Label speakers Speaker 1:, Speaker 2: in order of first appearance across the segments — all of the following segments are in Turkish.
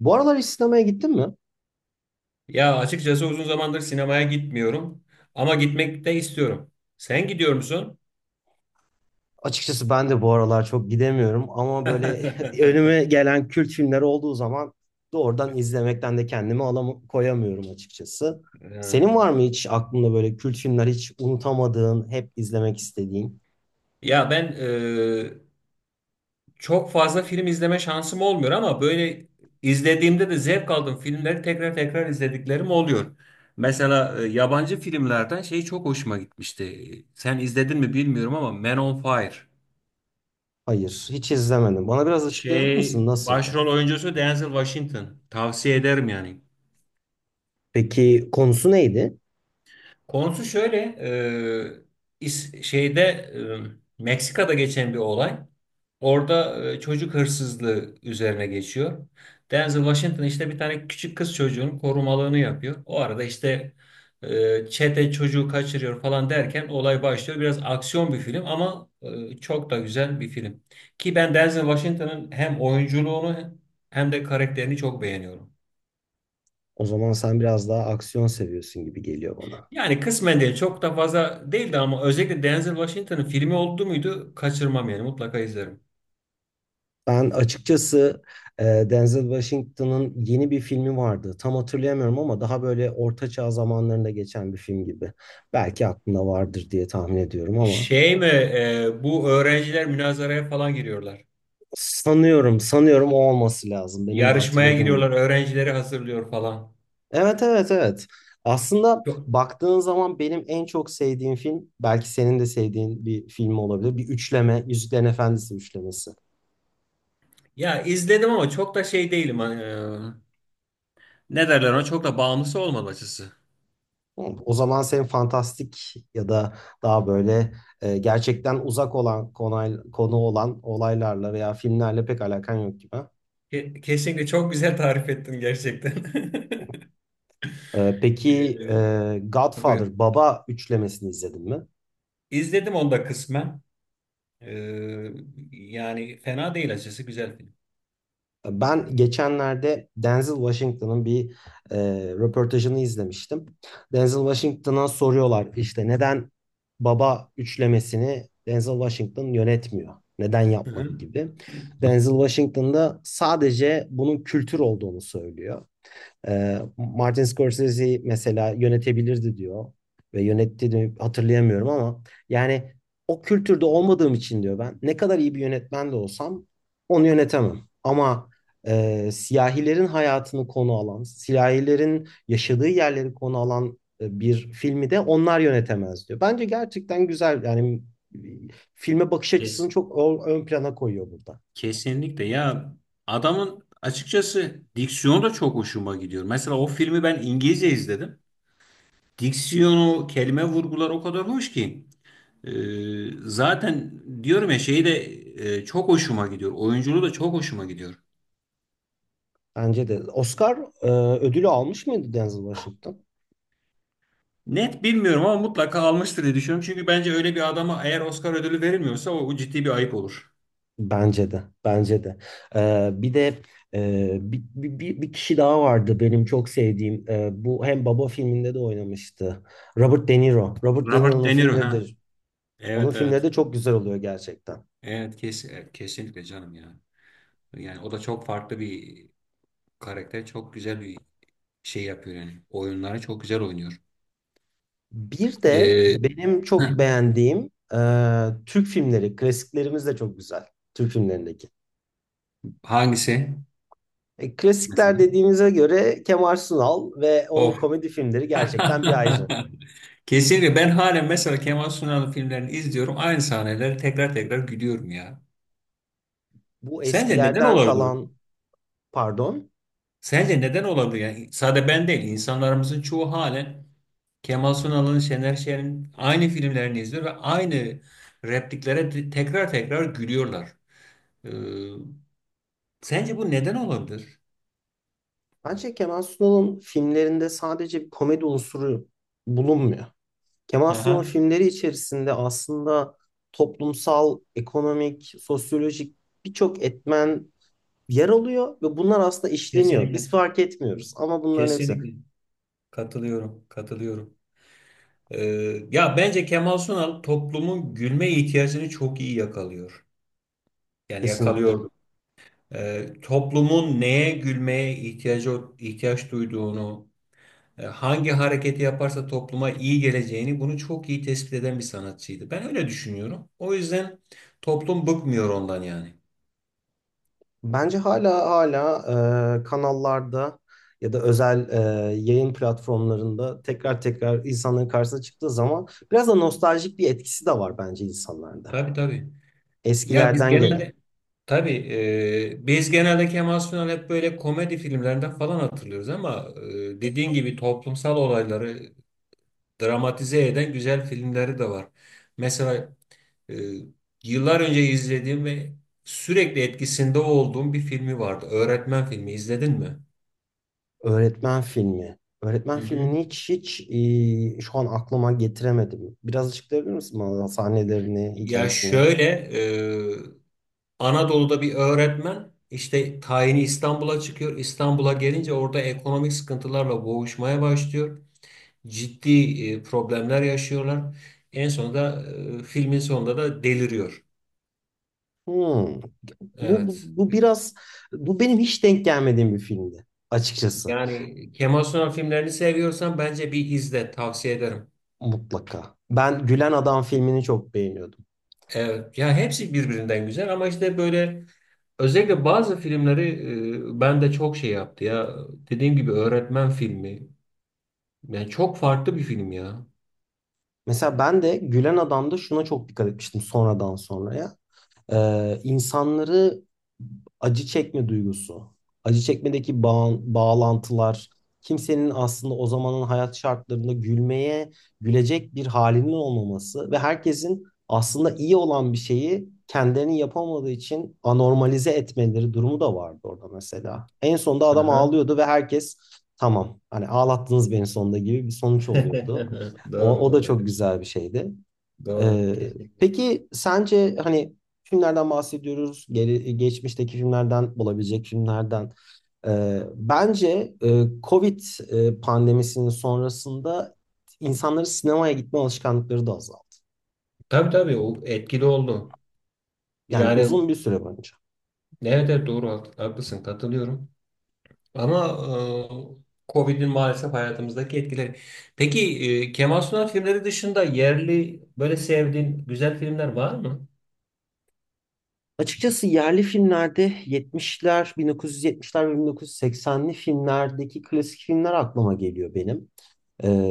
Speaker 1: Bu aralar hiç sinemaya gittin mi?
Speaker 2: Ya açıkçası uzun zamandır sinemaya gitmiyorum ama gitmek de istiyorum. Sen gidiyor musun?
Speaker 1: Açıkçası ben de bu aralar çok gidemiyorum ama böyle önüme gelen kült filmler olduğu zaman doğrudan izlemekten de kendimi alam koyamıyorum açıkçası. Senin
Speaker 2: Ee,
Speaker 1: var mı hiç aklında böyle kült filmler hiç unutamadığın, hep izlemek istediğin?
Speaker 2: Ya ben çok fazla film izleme şansım olmuyor ama böyle izlediğimde de zevk aldığım filmleri tekrar tekrar izlediklerim oluyor. Mesela yabancı filmlerden şey çok hoşuma gitmişti. Sen izledin mi bilmiyorum ama Man on Fire.
Speaker 1: Hayır, hiç izlemedim. Bana biraz açıklayabilir
Speaker 2: Şey
Speaker 1: misin? Nasıldı?
Speaker 2: başrol oyuncusu Denzel Washington. Tavsiye ederim yani.
Speaker 1: Peki konusu neydi?
Speaker 2: Konusu şöyle, şeyde Meksika'da geçen bir olay. Orada çocuk hırsızlığı üzerine geçiyor. Denzel Washington işte bir tane küçük kız çocuğunun korumalığını yapıyor. O arada işte çete çocuğu kaçırıyor falan derken olay başlıyor. Biraz aksiyon bir film ama çok da güzel bir film. Ki ben Denzel Washington'ın hem oyunculuğunu hem de karakterini çok beğeniyorum.
Speaker 1: O zaman sen biraz daha aksiyon seviyorsun gibi geliyor bana.
Speaker 2: Yani kısmen değil. Çok da fazla değildi ama özellikle Denzel Washington'ın filmi oldu muydu kaçırmam yani mutlaka izlerim.
Speaker 1: Ben açıkçası e, Denzel Washington'ın yeni bir filmi vardı. Tam hatırlayamıyorum ama daha böyle orta çağ zamanlarında geçen bir film gibi. Belki aklında vardır diye tahmin ediyorum ama
Speaker 2: Şey mi bu öğrenciler münazaraya falan giriyorlar.
Speaker 1: sanıyorum o olması lazım. Benim de
Speaker 2: Yarışmaya
Speaker 1: hatırladığım
Speaker 2: giriyorlar,
Speaker 1: gibi.
Speaker 2: öğrencileri hazırlıyor falan.
Speaker 1: Evet, evet, evet. Aslında
Speaker 2: Çok,
Speaker 1: baktığın zaman benim en çok sevdiğim film belki senin de sevdiğin bir film olabilir. Bir üçleme, Yüzüklerin Efendisi üçlemesi.
Speaker 2: ya izledim ama çok da şey değilim. Hani, ne derler ona, çok da bağımlısı olmadım açısı.
Speaker 1: Hı, o zaman senin fantastik ya da daha böyle gerçekten uzak olan konu olan olaylarla veya filmlerle pek alakan yok gibi.
Speaker 2: Kesinlikle çok güzel tarif ettin gerçekten.
Speaker 1: Peki
Speaker 2: Buyur.
Speaker 1: Godfather Baba üçlemesini izledin mi?
Speaker 2: İzledim onu da kısmen. E, Yani fena değil, açısı güzel film.
Speaker 1: Ben geçenlerde Denzel Washington'ın bir e, röportajını izlemiştim. Denzel Washington'a soruyorlar işte neden Baba üçlemesini Denzel Washington yönetmiyor? Neden
Speaker 2: Hı
Speaker 1: yapmadı
Speaker 2: hı.
Speaker 1: gibi. Denzel Washington da sadece bunun kültür olduğunu söylüyor. Martin Scorsese mesela yönetebilirdi diyor ve yönetti de hatırlayamıyorum ama yani o kültürde olmadığım için diyor ben ne kadar iyi bir yönetmen de olsam onu yönetemem. Ama siyahilerin hayatını konu alan, siyahilerin yaşadığı yerleri konu alan bir filmi de onlar yönetemez diyor. Bence gerçekten güzel yani e, filme bakış açısını çok ön plana koyuyor burada.
Speaker 2: Kesinlikle ya, adamın açıkçası diksiyonu da çok hoşuma gidiyor. Mesela o filmi ben İngilizce izledim. Diksiyonu, kelime vurgular o kadar hoş ki. Ee, Zaten diyorum ya, şeyi de çok hoşuma gidiyor. Oyunculuğu da çok hoşuma gidiyor.
Speaker 1: Bence de. Oscar ödülü almış mıydı Denzel Washington?
Speaker 2: Net bilmiyorum ama mutlaka almıştır diye düşünüyorum. Çünkü bence öyle bir adama eğer Oscar ödülü verilmiyorsa o ciddi bir ayıp olur.
Speaker 1: Bence de, bence de. Bir de bir kişi daha vardı benim çok sevdiğim. Bu hem Baba filminde de oynamıştı. Robert De Niro. Robert De
Speaker 2: Robert
Speaker 1: Niro'nun
Speaker 2: De Niro
Speaker 1: filmleri de,
Speaker 2: ha.
Speaker 1: onun
Speaker 2: Evet,
Speaker 1: filmleri
Speaker 2: evet.
Speaker 1: de çok güzel oluyor gerçekten.
Speaker 2: Evet, kesinlikle canım ya. Yani o da çok farklı bir karakter. Çok güzel bir şey yapıyor yani. Oyunlara çok güzel oynuyor.
Speaker 1: Bir de
Speaker 2: Evet.
Speaker 1: benim çok beğendiğim Türk filmleri, klasiklerimiz de çok güzel. Türk filmlerindeki.
Speaker 2: Hangisi?
Speaker 1: E,
Speaker 2: Mesela.
Speaker 1: klasikler dediğimize göre Kemal Sunal ve onun
Speaker 2: Of.
Speaker 1: komedi filmleri gerçekten bir ayrı.
Speaker 2: Kesinlikle ben halen mesela Kemal Sunal'ın filmlerini izliyorum. Aynı sahneleri tekrar tekrar gülüyorum ya.
Speaker 1: Bu
Speaker 2: Sence neden
Speaker 1: eskilerden
Speaker 2: olabilir?
Speaker 1: kalan, pardon.
Speaker 2: Sence neden olabilir? Yani sadece ben değil, insanlarımızın çoğu halen Kemal Sunal'ın, Şener Şen'in aynı filmlerini izliyor ve aynı repliklere tekrar tekrar gülüyorlar. Ee, Sence bu neden olabilir?
Speaker 1: Bence Kemal Sunal'ın filmlerinde sadece bir komedi unsuru bulunmuyor. Kemal Sunal'ın
Speaker 2: Aha,
Speaker 1: filmleri içerisinde aslında toplumsal, ekonomik, sosyolojik birçok etmen yer alıyor ve bunlar aslında işleniyor. Biz
Speaker 2: kesinlikle.
Speaker 1: fark etmiyoruz ama bunların hepsi
Speaker 2: Kesinlikle katılıyorum, katılıyorum. Ee, Ya bence Kemal Sunal toplumun gülme ihtiyacını çok iyi yakalıyor. Yani
Speaker 1: kesinlikle.
Speaker 2: yakalıyordu. Toplumun neye gülmeye ihtiyaç duyduğunu, hangi hareketi yaparsa topluma iyi geleceğini, bunu çok iyi tespit eden bir sanatçıydı. Ben öyle düşünüyorum. O yüzden toplum bıkmıyor ondan yani.
Speaker 1: Bence hala kanallarda ya da özel yayın platformlarında tekrar tekrar insanların karşısına çıktığı zaman biraz da nostaljik bir etkisi de var bence insanlarda.
Speaker 2: Tabii, tabii. Ya biz
Speaker 1: Eskilerden gelen.
Speaker 2: genelde, tabii, biz genelde Kemal Sunal hep böyle komedi filmlerinden falan hatırlıyoruz ama dediğin gibi toplumsal olayları dramatize eden güzel filmleri de var. Mesela e, yıllar önce izlediğim ve sürekli etkisinde olduğum bir filmi vardı. Öğretmen filmi izledin mi?
Speaker 1: Öğretmen filmi.
Speaker 2: Hı
Speaker 1: Öğretmen
Speaker 2: hı.
Speaker 1: filmini hiç şu an aklıma getiremedim. Biraz açıklayabilir misin bana sahnelerini,
Speaker 2: Ya
Speaker 1: hikayesini?
Speaker 2: şöyle, e, Anadolu'da bir öğretmen, işte tayini İstanbul'a çıkıyor. İstanbul'a gelince orada ekonomik sıkıntılarla boğuşmaya başlıyor. Ciddi problemler yaşıyorlar. En sonunda, filmin sonunda da deliriyor.
Speaker 1: Hmm. Bu, bu,
Speaker 2: Evet.
Speaker 1: bu biraz bu benim hiç denk gelmediğim bir filmdi açıkçası.
Speaker 2: Yani Kemal Sunal filmlerini seviyorsan bence bir izle, tavsiye ederim.
Speaker 1: Mutlaka. Ben Gülen Adam filmini çok beğeniyordum.
Speaker 2: Evet. Ya hepsi birbirinden güzel ama işte böyle özellikle bazı filmleri ben de çok şey yaptı ya. Dediğim gibi öğretmen filmi. Yani çok farklı bir film ya.
Speaker 1: Mesela ben de Gülen Adam'da şuna çok dikkat etmiştim sonradan sonraya. İnsanları acı çekme duygusu, acı çekmedeki bağlantılar, kimsenin aslında o zamanın hayat şartlarında gülmeye, gülecek bir halinin olmaması ve herkesin aslında iyi olan bir şeyi kendilerinin yapamadığı için anormalize etmeleri durumu da vardı orada mesela. En sonunda
Speaker 2: Hı
Speaker 1: adam
Speaker 2: hı.
Speaker 1: ağlıyordu ve herkes tamam hani ağlattınız beni sonunda gibi bir sonuç oluyordu. O,
Speaker 2: Doğru,
Speaker 1: o da
Speaker 2: doğru.
Speaker 1: çok güzel bir şeydi.
Speaker 2: Doğru.
Speaker 1: Ee,
Speaker 2: Kesinlikle.
Speaker 1: peki sence hani filmlerden bahsediyoruz, geçmişteki filmlerden, olabilecek filmlerden. Bence Covid pandemisinin sonrasında insanların sinemaya gitme alışkanlıkları da azaldı.
Speaker 2: Tabii, tabii, o etkili oldu.
Speaker 1: Yani
Speaker 2: Yani,
Speaker 1: uzun bir süre boyunca.
Speaker 2: evet, evet, doğru, haklısın, katılıyorum. Ama Covid'in maalesef hayatımızdaki etkileri. Peki, Kemal Sunal filmleri dışında yerli böyle sevdiğin güzel filmler var mı?
Speaker 1: Açıkçası yerli filmlerde 70'ler, 1970'ler ve 1980'li filmlerdeki klasik filmler aklıma geliyor benim.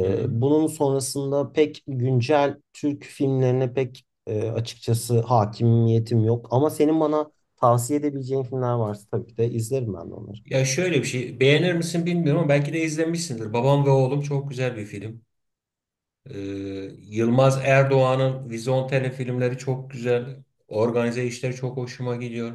Speaker 2: Hı hı.
Speaker 1: bunun sonrasında pek güncel Türk filmlerine pek açıkçası hakimiyetim yok. Ama senin bana tavsiye edebileceğin filmler varsa tabii ki de izlerim ben de onları.
Speaker 2: Ya şöyle bir şey, beğenir misin bilmiyorum ama belki de izlemişsindir. Babam ve Oğlum çok güzel bir film. E, Yılmaz Erdoğan'ın Vizontele filmleri çok güzel. Organize işleri çok hoşuma gidiyor.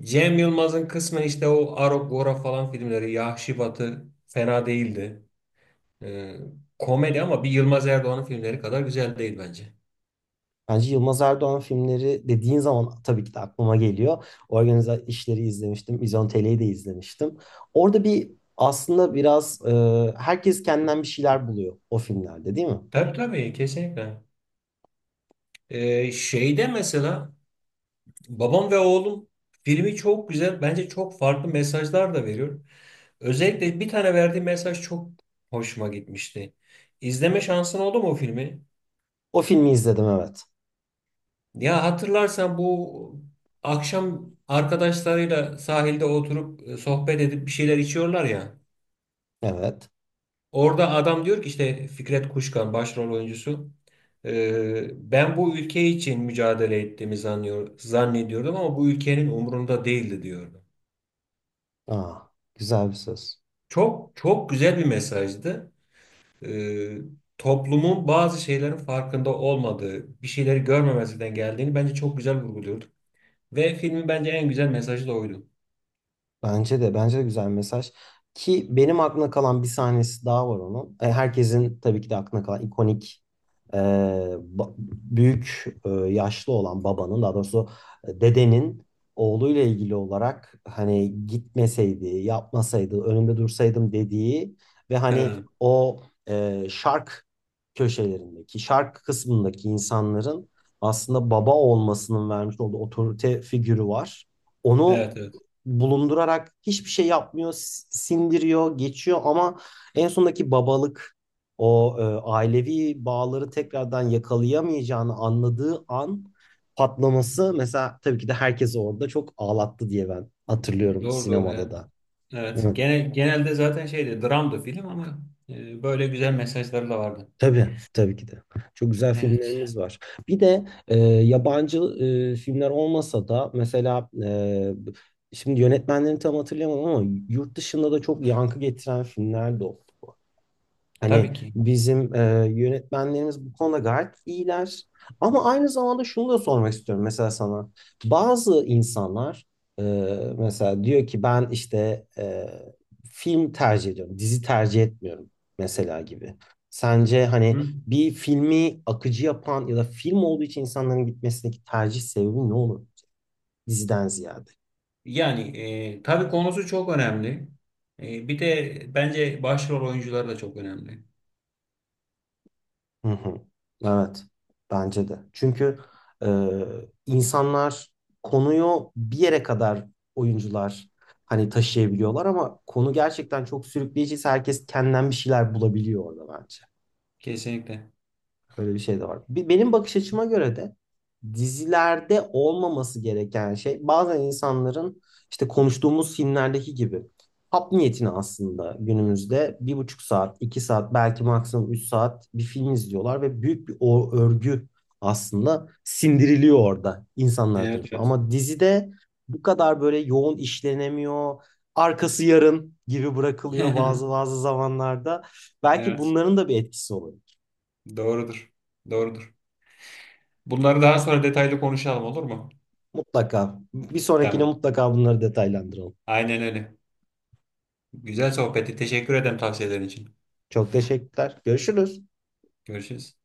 Speaker 2: Cem Yılmaz'ın kısmen işte o Arogora falan filmleri, Yahşi Batı fena değildi. Ee, Komedi ama bir Yılmaz Erdoğan'ın filmleri kadar güzel değil bence.
Speaker 1: Bence Yılmaz Erdoğan filmleri dediğin zaman tabii ki de aklıma geliyor. Organize işleri izlemiştim. İzontele'yi de izlemiştim. Orada bir aslında biraz herkes kendinden bir şeyler buluyor o filmlerde değil mi?
Speaker 2: Tabii, tabii, kesinlikle. Şeyde mesela, Babam ve Oğlum filmi çok güzel. Bence çok farklı mesajlar da veriyor. Özellikle bir tane verdiği mesaj çok hoşuma gitmişti. İzleme şansın oldu mu o filmi?
Speaker 1: O filmi izledim evet.
Speaker 2: Ya hatırlarsan, bu akşam arkadaşlarıyla sahilde oturup sohbet edip bir şeyler içiyorlar ya.
Speaker 1: Evet.
Speaker 2: Orada adam diyor ki, işte Fikret Kuşkan başrol oyuncusu. Ben bu ülke için mücadele ettiğimi zannediyordum ama bu ülkenin umurunda değildi," diyordu.
Speaker 1: Aa, güzel bir söz.
Speaker 2: Çok çok güzel bir mesajdı. Ee, Toplumun bazı şeylerin farkında olmadığı, bir şeyleri görmemezlikten geldiğini bence çok güzel vurguluyordu. Ve filmin bence en güzel mesajı da oydu.
Speaker 1: Bence de bence de güzel mesaj. Ki benim aklımda kalan bir sahnesi daha var onun. Herkesin tabii ki de aklına kalan ikonik e, büyük yaşlı olan babanın daha doğrusu dedenin oğluyla ilgili olarak hani gitmeseydi, yapmasaydı, önünde dursaydım dediği ve hani
Speaker 2: Ha,
Speaker 1: o şark köşelerindeki, şark kısmındaki insanların aslında baba olmasının vermiş olduğu otorite figürü var.
Speaker 2: evet,
Speaker 1: Onu
Speaker 2: evet.
Speaker 1: bulundurarak hiçbir şey yapmıyor, sindiriyor, geçiyor ama en sondaki babalık o ailevi bağları tekrardan yakalayamayacağını anladığı an patlaması mesela tabii ki de herkes orada çok ağlattı diye ben hatırlıyorum
Speaker 2: Doğru, doğru.
Speaker 1: sinemada
Speaker 2: Evet.
Speaker 1: da.
Speaker 2: Evet.
Speaker 1: Evet,
Speaker 2: Genelde zaten şeydi, dramdı film ama böyle güzel mesajları da vardı.
Speaker 1: tabii tabii ki de. Çok güzel
Speaker 2: Evet.
Speaker 1: filmlerimiz var. Bir de yabancı filmler olmasa da mesela şimdi yönetmenlerini tam hatırlayamadım ama yurt dışında da çok yankı getiren filmler de oldu.
Speaker 2: Tabii
Speaker 1: Hani
Speaker 2: ki.
Speaker 1: bizim yönetmenlerimiz bu konuda gayet iyiler. Ama aynı zamanda şunu da sormak istiyorum mesela sana. Bazı insanlar e, mesela diyor ki ben işte film tercih ediyorum, dizi tercih etmiyorum mesela gibi. Sence hani
Speaker 2: Hı.
Speaker 1: bir filmi akıcı yapan ya da film olduğu için insanların gitmesindeki tercih sebebi ne olur diziden ziyade?
Speaker 2: Yani tabii konusu çok önemli. Bir de bence başrol oyuncuları da çok önemli.
Speaker 1: Hı hı. Evet, bence de. Çünkü e, insanlar konuyu bir yere kadar oyuncular hani taşıyabiliyorlar ama konu gerçekten çok sürükleyiciyse herkes kendinden bir şeyler bulabiliyor orada bence.
Speaker 2: Kesinlikle.
Speaker 1: Öyle bir şey de var. Benim bakış açıma göre de dizilerde olmaması gereken şey bazen insanların işte konuştuğumuz filmlerdeki gibi hap niyetine aslında günümüzde 1,5 saat, 2 saat belki maksimum 3 saat bir film izliyorlar ve büyük bir o örgü aslında sindiriliyor orada insanlar
Speaker 2: Evet,
Speaker 1: tarafından.
Speaker 2: evet.
Speaker 1: Ama dizide bu kadar böyle yoğun işlenemiyor. Arkası yarın gibi bırakılıyor bazı bazı zamanlarda. Belki
Speaker 2: Evet,
Speaker 1: bunların da bir etkisi olur.
Speaker 2: doğrudur. Doğrudur. Bunları daha sonra detaylı konuşalım, olur mu?
Speaker 1: Mutlaka. Bir sonrakine
Speaker 2: Tamam.
Speaker 1: mutlaka bunları detaylandıralım.
Speaker 2: Aynen öyle. Güzel sohbeti, teşekkür ederim tavsiyelerin için.
Speaker 1: Çok teşekkürler. Görüşürüz.
Speaker 2: Görüşürüz.